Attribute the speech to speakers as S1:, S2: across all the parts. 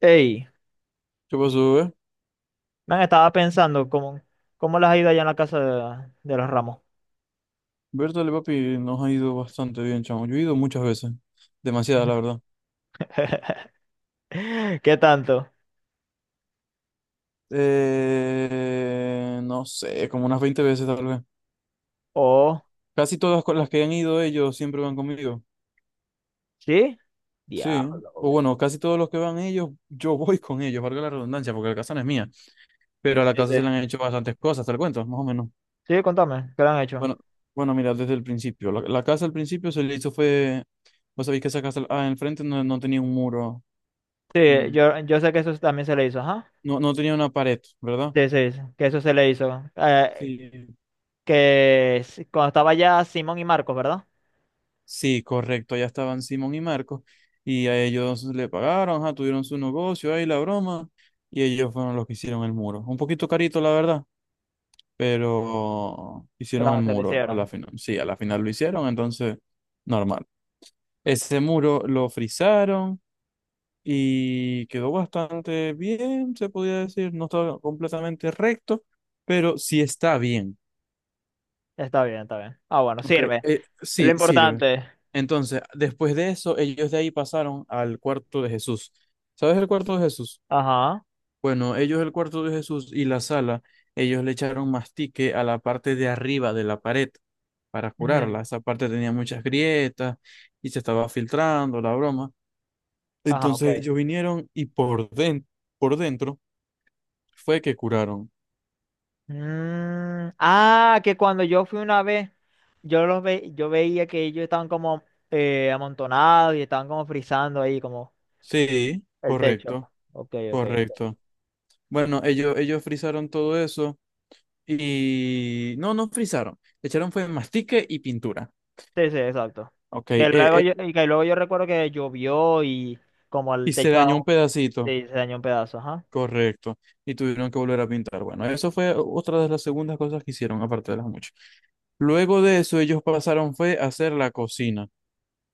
S1: Ey,
S2: ¿Qué pasó, eh?
S1: man, estaba pensando cómo les ha ido allá en la casa de los Ramos.
S2: Bertale, papi, nos ha ido bastante bien, chamo. Yo he ido muchas veces. Demasiadas, la
S1: Ujú.
S2: verdad.
S1: ¿Qué tanto?
S2: No sé, como unas 20 veces tal vez.
S1: Oh,
S2: Casi todas con las que han ido ellos siempre van conmigo.
S1: ¿sí?
S2: Sí.
S1: Diablo.
S2: O bueno, casi todos los que van ellos, yo voy con ellos, valga la redundancia, porque la casa no es mía. Pero a la
S1: Sí,
S2: casa
S1: sí.
S2: se le han hecho bastantes cosas, te lo cuento, más o menos.
S1: Sí, contame, ¿qué le han hecho?
S2: Bueno, bueno, mira, desde el principio. La casa al principio se le hizo fue. Vos sabéis que esa casa, ah, enfrente no, no tenía un muro.
S1: Sí,
S2: mm,
S1: yo sé que eso también se le hizo, ajá.
S2: No, no tenía una pared, ¿verdad?
S1: Sí, sí, sí, que eso se le hizo.
S2: Sí,
S1: Que cuando estaba ya Simón y Marcos, ¿verdad?
S2: sí, correcto. Ya estaban Simón y Marcos y a ellos le pagaron, ajá, tuvieron su negocio ahí, la broma, y ellos fueron los que hicieron el muro. Un poquito carito, la verdad, pero
S1: Pero
S2: hicieron el
S1: no se le
S2: muro a la
S1: hicieron.
S2: final. Sí, a la final lo hicieron, entonces, normal. Ese muro lo frizaron y quedó bastante bien, se podía decir. No estaba completamente recto, pero sí está bien.
S1: Está bien, está bien. Ah, bueno,
S2: Ok,
S1: sirve. Es lo
S2: sí, sirve.
S1: importante.
S2: Entonces, después de eso, ellos de ahí pasaron al cuarto de Jesús. ¿Sabes el cuarto de Jesús?
S1: Ajá.
S2: Bueno, ellos el cuarto de Jesús y la sala, ellos le echaron mastique a la parte de arriba de la pared para
S1: Ujú.
S2: curarla. Esa parte tenía muchas grietas y se estaba filtrando la broma.
S1: Ajá, ok.
S2: Entonces ellos vinieron y por dentro fue que curaron.
S1: Mm, ah, que cuando yo fui una vez, yo los ve, yo veía que ellos estaban como amontonados y estaban como frizando ahí como
S2: Sí,
S1: el techo.
S2: correcto,
S1: Ok, ok, ok.
S2: correcto. Bueno, ellos, frisaron todo eso. Y no, no frizaron. Le echaron fue mastique y pintura.
S1: Sí, sí, exacto.
S2: Ok,
S1: Que luego yo, y que luego yo recuerdo que llovió y como el
S2: y se
S1: techo
S2: dañó un
S1: aún-
S2: pedacito.
S1: Sí, se dañó un pedazo, ajá.
S2: Correcto. Y tuvieron que volver a pintar. Bueno, eso fue otra de las segundas cosas que hicieron, aparte de las muchas. Luego de eso, ellos pasaron fue a hacer la cocina,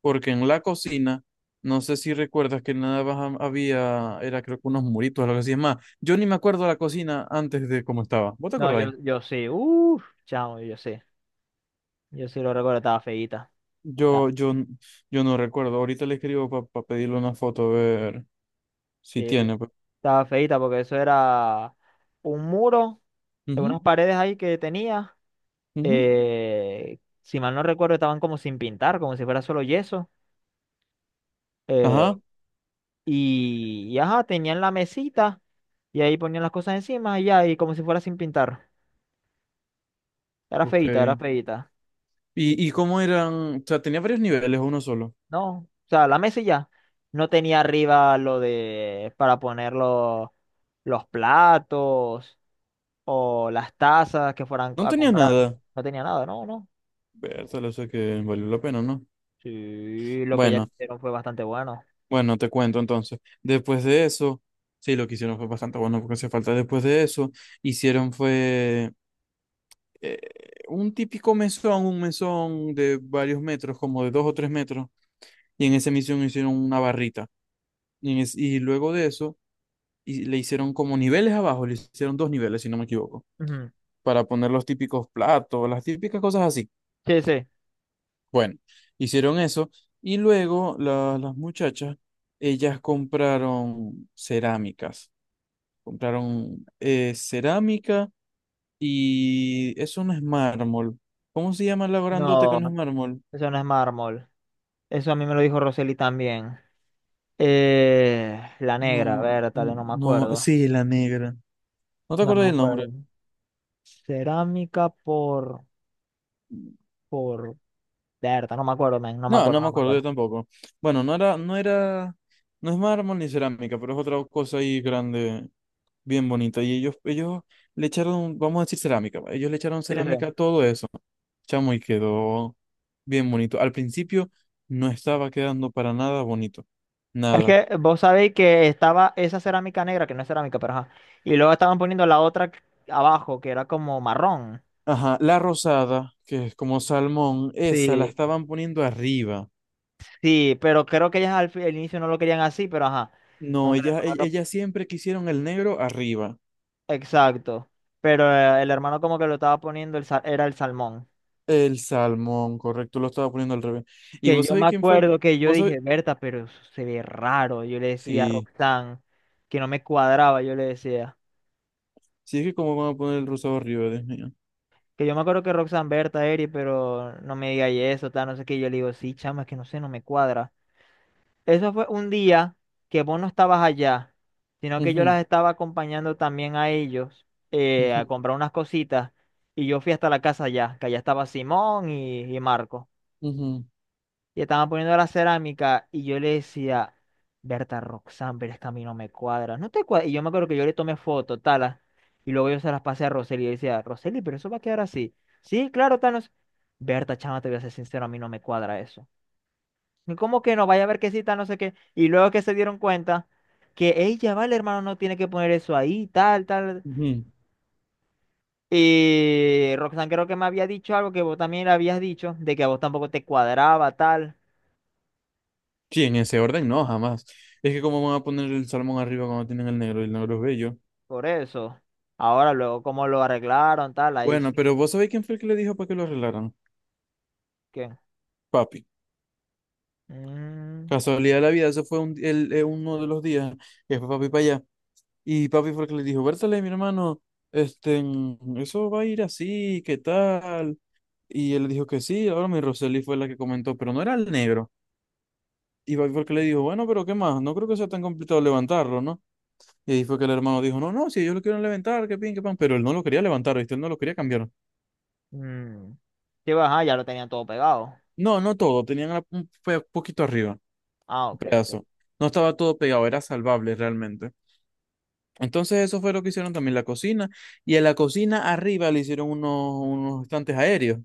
S2: porque en la cocina, no sé si recuerdas que nada más había, era creo que unos muritos, algo así. Es más, yo ni me acuerdo la cocina antes de cómo estaba. ¿Vos te
S1: No,
S2: acordáis?
S1: yo sí, uff, chamo, yo sí. Yo sí lo recuerdo, estaba feíta. Estaba,
S2: Yo, yo, yo no recuerdo. Ahorita le escribo para pedirle una foto a ver. Sí
S1: sí,
S2: tiene, pues.
S1: estaba feíta porque eso era un muro,
S2: Ujú,
S1: unas paredes ahí que tenía.
S2: ujú.
S1: Si mal no recuerdo, estaban como sin pintar, como si fuera solo yeso.
S2: Ajá,
S1: eh, y, y ajá, tenían la mesita y ahí ponían las cosas encima y ya, y como si fuera sin pintar. Era
S2: ok.
S1: feíta, era feíta.
S2: ¿Y cómo eran? O sea, tenía varios niveles, o uno solo.
S1: No, o sea, la mesa y ya. No tenía arriba lo de para poner los platos o las tazas que fueran
S2: No
S1: a
S2: tenía
S1: comprar.
S2: nada.
S1: No tenía nada, no, no.
S2: Vértale, o sea que valió la pena, ¿no?
S1: Sí, lo que ya
S2: Bueno,
S1: hicieron fue bastante bueno.
S2: bueno, te cuento entonces. Después de eso, sí, lo que hicieron fue bastante bueno porque hacía falta. Después de eso, hicieron fue eh, un típico mesón, un mesón de varios metros, como de 2 o 3 metros. Y en esa misión hicieron una barrita. Y luego de eso, y le hicieron como niveles abajo, le hicieron dos niveles, si no me equivoco,
S1: Ujú.
S2: para poner los típicos platos, las típicas cosas así.
S1: Sí, sí.
S2: Bueno, hicieron eso y luego las muchachas, ellas compraron cerámicas, compraron cerámica, y eso no es mármol. ¿Cómo se llama la grandote que
S1: No,
S2: no es mármol?
S1: eso no es mármol. Eso a mí me lo dijo Roseli también. La negra, a
S2: No,
S1: ver, tal,
S2: no,
S1: no me
S2: no,
S1: acuerdo.
S2: sí, la negra. ¿No te
S1: No
S2: acuerdas
S1: me
S2: del nombre?
S1: acuerdo. Cerámica por, Berta, no me acuerdo, men, no me
S2: No, no
S1: acuerdo,
S2: me
S1: no me
S2: acuerdo yo
S1: acuerdo.
S2: tampoco. Bueno, no era, no es mármol ni cerámica, pero es otra cosa ahí grande, bien bonito. Y ellos, le echaron, vamos a decir cerámica, va, ellos le echaron
S1: Sí, sí.
S2: cerámica a todo eso, chamo, y quedó bien bonito. Al principio no estaba quedando para nada bonito,
S1: Es
S2: nada.
S1: que vos sabéis que estaba esa cerámica negra, que no es cerámica, pero ajá. Y luego estaban poniendo la otra abajo, que era como marrón.
S2: Ajá, la rosada, que es como salmón, esa la
S1: Sí,
S2: estaban poniendo arriba.
S1: sí, pero creo que ellas al inicio no lo querían así, pero ajá. Como
S2: No,
S1: que el
S2: ella,
S1: hermano
S2: e-
S1: lo-
S2: ella siempre quisieron el negro arriba.
S1: Exacto. Pero el hermano como que lo estaba poniendo, era el salmón.
S2: El salmón, correcto, lo estaba poniendo al revés. ¿Y
S1: Que
S2: vos
S1: yo me
S2: sabés quién fue el que...
S1: acuerdo que yo
S2: vos sabés...
S1: dije, Berta, pero eso se ve raro. Yo le decía a
S2: Sí,
S1: Roxanne que no me cuadraba, yo le decía.
S2: sí es que cómo van a poner el rosado arriba, Dios mío.
S1: Que yo me acuerdo que Roxanne, Berta, Eri, pero no me diga y eso, tal, no sé qué. Yo le digo, sí, chama, es que no sé, no me cuadra. Eso fue un día que vos no estabas allá, sino que yo
S2: Ujú,
S1: las estaba acompañando también a ellos a
S2: ujú,
S1: comprar unas cositas. Y yo fui hasta la casa allá, que allá estaba Simón y Marco.
S2: ujú,
S1: Y estaban poniendo la cerámica y yo le decía, Berta Roxanne, pero es que a mí no me cuadra. No te cuadra. Y yo me acuerdo que yo le tomé foto, talas, y luego yo se las pasé a Roseli y yo decía, Roseli, pero eso va a quedar así. Sí, claro, tal, no Berta, chama, te voy a ser sincero, a mí no me cuadra eso. Y ¿cómo que no? Vaya a ver que sí, tal, no sé qué. Y luego que se dieron cuenta que ella, vale, hermano, no tiene que poner eso ahí, tal, tal.
S2: ujú.
S1: Y Roxanne creo que me había dicho algo que vos también le habías dicho, de que a vos tampoco te cuadraba, tal.
S2: Sí, en ese orden no, jamás. Es que cómo van a poner el salmón arriba cuando tienen el negro y el negro es bello.
S1: Por eso. Ahora, luego, cómo lo arreglaron, tal, ahí
S2: Bueno,
S1: sí
S2: pero vos sabéis quién fue el que le dijo para que lo arreglaran.
S1: que.
S2: Papi.
S1: Mm,
S2: Casualidad de la vida, eso fue uno de los días que fue papi para allá. Y papi fue el que le dijo, Bertale, mi hermano, este, eso va a ir así, ¿qué tal? Y él le dijo que sí, ahora mi Roseli fue la que comentó, pero no era el negro. Y papi fue el que le dijo, bueno, pero ¿qué más? No creo que sea tan complicado levantarlo, ¿no? Y ahí fue que el hermano dijo, no, no, si ellos lo quieren levantar, que pin, que pan, pero él no lo quería levantar, ¿viste? Él no lo quería cambiar.
S1: mm. Sí, bueno, ajá, ya lo tenían todo pegado.
S2: No, no todo, tenían un poquito arriba,
S1: Ah,
S2: un
S1: ok, ok.
S2: pedazo. No estaba todo pegado, era salvable realmente. Entonces eso fue lo que hicieron también la cocina, y en la cocina arriba le hicieron unos estantes aéreos.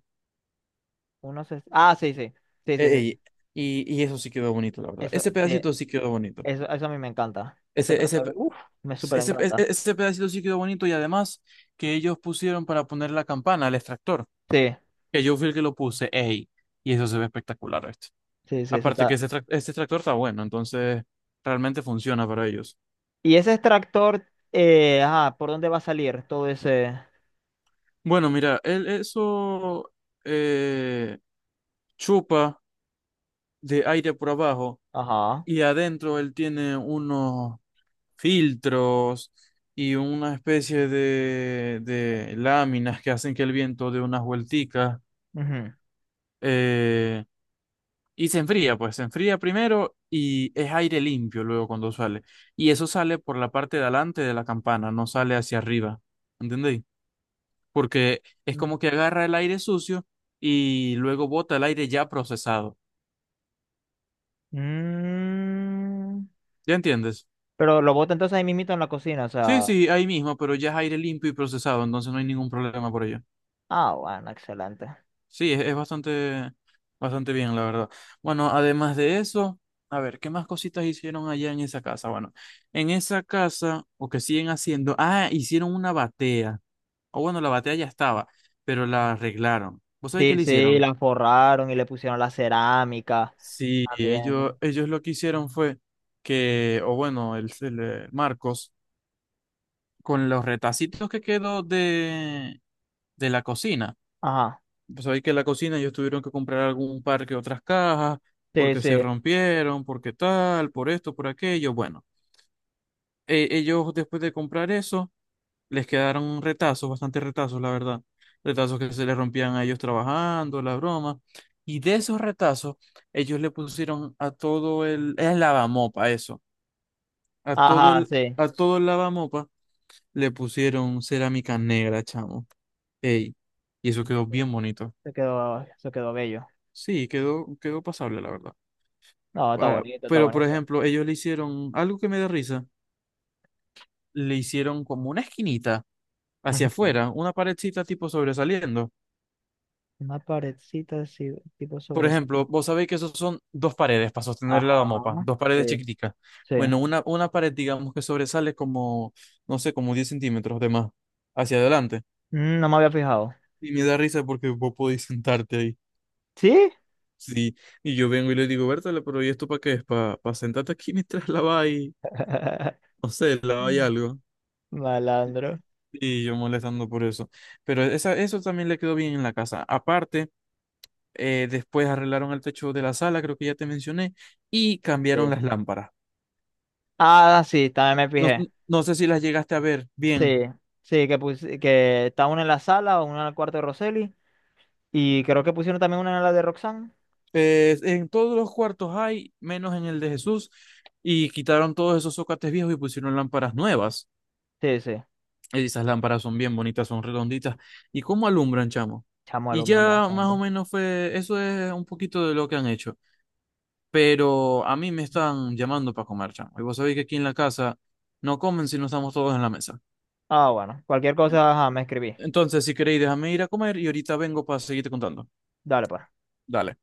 S1: Uno se- Ah, sí, sí. Sí, sí, sí.
S2: Ey, y eso sí quedó bonito, la verdad.
S1: Eso,
S2: Ese
S1: sí.
S2: pedacito sí quedó bonito.
S1: Eso a mí me encanta. Ese
S2: Ese,
S1: plato
S2: pe-
S1: de- Uf, me súper
S2: ese, ese
S1: encanta.
S2: ese pedacito sí quedó bonito, y además que ellos pusieron para poner la campana, el extractor.
S1: Sí,
S2: Que yo fui el que lo puse, ey, y eso se ve espectacular, este.
S1: sí, sí, eso
S2: Aparte que
S1: está.
S2: este tractor está bueno, entonces realmente funciona para ellos.
S1: Y ese extractor, ajá, ¿por dónde va a salir todo ese.
S2: Bueno, mira, él eso eh, chupa de aire por abajo,
S1: Ajá.
S2: y adentro él tiene unos filtros y una especie de láminas que hacen que el viento dé unas vuelticas.
S1: Ujú.
S2: eh, Y se enfría, pues se enfría primero y es aire limpio luego cuando sale. Y eso sale por la parte de adelante de la campana, no sale hacia arriba. ¿Entendéis? Porque es como que agarra el aire sucio y luego bota el aire ya procesado.
S1: Mm.
S2: ¿Ya entiendes?
S1: Pero lo bota entonces ahí mismito en la cocina, o
S2: Sí,
S1: sea.
S2: sí, ahí mismo, pero ya es aire limpio y procesado, entonces no hay ningún problema por ello.
S1: Ah, bueno, excelente.
S2: Sí, es bastante, bastante bien, la verdad. Bueno, además de eso, a ver, ¿qué más cositas hicieron allá en esa casa? Bueno, en esa casa, o que siguen haciendo, ah, hicieron una batea. O bueno, la batea ya estaba, pero la arreglaron. ¿Vos sabés qué
S1: Sí,
S2: le
S1: sí,
S2: hicieron?
S1: la forraron y le pusieron la cerámica
S2: Sí, ellos,
S1: también.
S2: lo que hicieron fue que, o bueno, Marcos, con los retacitos que quedó de la cocina.
S1: Ajá,
S2: Pues sabéis que en la cocina ellos tuvieron que comprar algún par que otras cajas,
S1: sí,
S2: porque
S1: sí,
S2: se rompieron, porque tal, por esto, por aquello. Bueno, ellos después de comprar eso, les quedaron retazos, bastantes retazos, la verdad. Retazos que se les rompían a ellos trabajando, la broma. Y de esos retazos, ellos le pusieron a todo el lavamopa, eso. A todo
S1: ajá,
S2: el,
S1: sí.
S2: a todo el lavamopa le pusieron cerámica negra, chamo. Ey, y eso quedó bien bonito.
S1: Se quedó bello.
S2: Sí, quedó pasable, la verdad.
S1: No, está
S2: Ah,
S1: bonito, está
S2: pero, por
S1: bonito.
S2: ejemplo, ellos le hicieron algo que me da risa. Le hicieron como una esquinita hacia
S1: Ujú.
S2: afuera, una paredcita tipo sobresaliendo.
S1: Una paredcita así, tipo
S2: Por ejemplo,
S1: sobresaliente.
S2: vos sabéis que esos son dos paredes para sostener
S1: Ajá,
S2: la mopa, dos
S1: sí,
S2: paredes chiquiticas.
S1: sí.
S2: Bueno, una pared, digamos que sobresale como, no sé, como 10 centímetros de más hacia adelante.
S1: Mm, no me había fijado.
S2: Y me da risa porque vos podéis sentarte ahí.
S1: ¿Sí?
S2: Sí, y yo vengo y le digo, Bertale, pero ¿y esto para qué es? ¿Para sentarte aquí mientras laváis, no sé, laváis algo?
S1: Malandro.
S2: Y yo molestando por eso. Pero esa, eso también le quedó bien en la casa. Aparte, después arreglaron el techo de la sala, creo que ya te mencioné, y cambiaron
S1: Sí.
S2: las lámparas.
S1: Ah, sí, también me
S2: No,
S1: fijé.
S2: no sé si las llegaste a ver bien.
S1: Sí, sí, que, pus- que está una en la sala, una en el cuarto de Roseli. Y creo que pusieron también una en la de Roxanne.
S2: En todos los cuartos hay, menos en el de Jesús, y quitaron todos esos zócates viejos y pusieron lámparas nuevas.
S1: Sí, sí.
S2: Esas lámparas son bien bonitas, son redonditas. ¿Y cómo alumbran, chamo?
S1: Chamo,
S2: Y
S1: alumbran
S2: ya más o
S1: bastante.
S2: menos fue, eso es un poquito de lo que han hecho. Pero a mí me están llamando para comer, chamo. Y vos sabéis que aquí en la casa no comen si no estamos todos en la mesa.
S1: Ah, bueno. Cualquier cosa, ajá, me escribí.
S2: Entonces, si queréis, déjame ir a comer y ahorita vengo para seguirte contando.
S1: Dale, pues.
S2: Dale.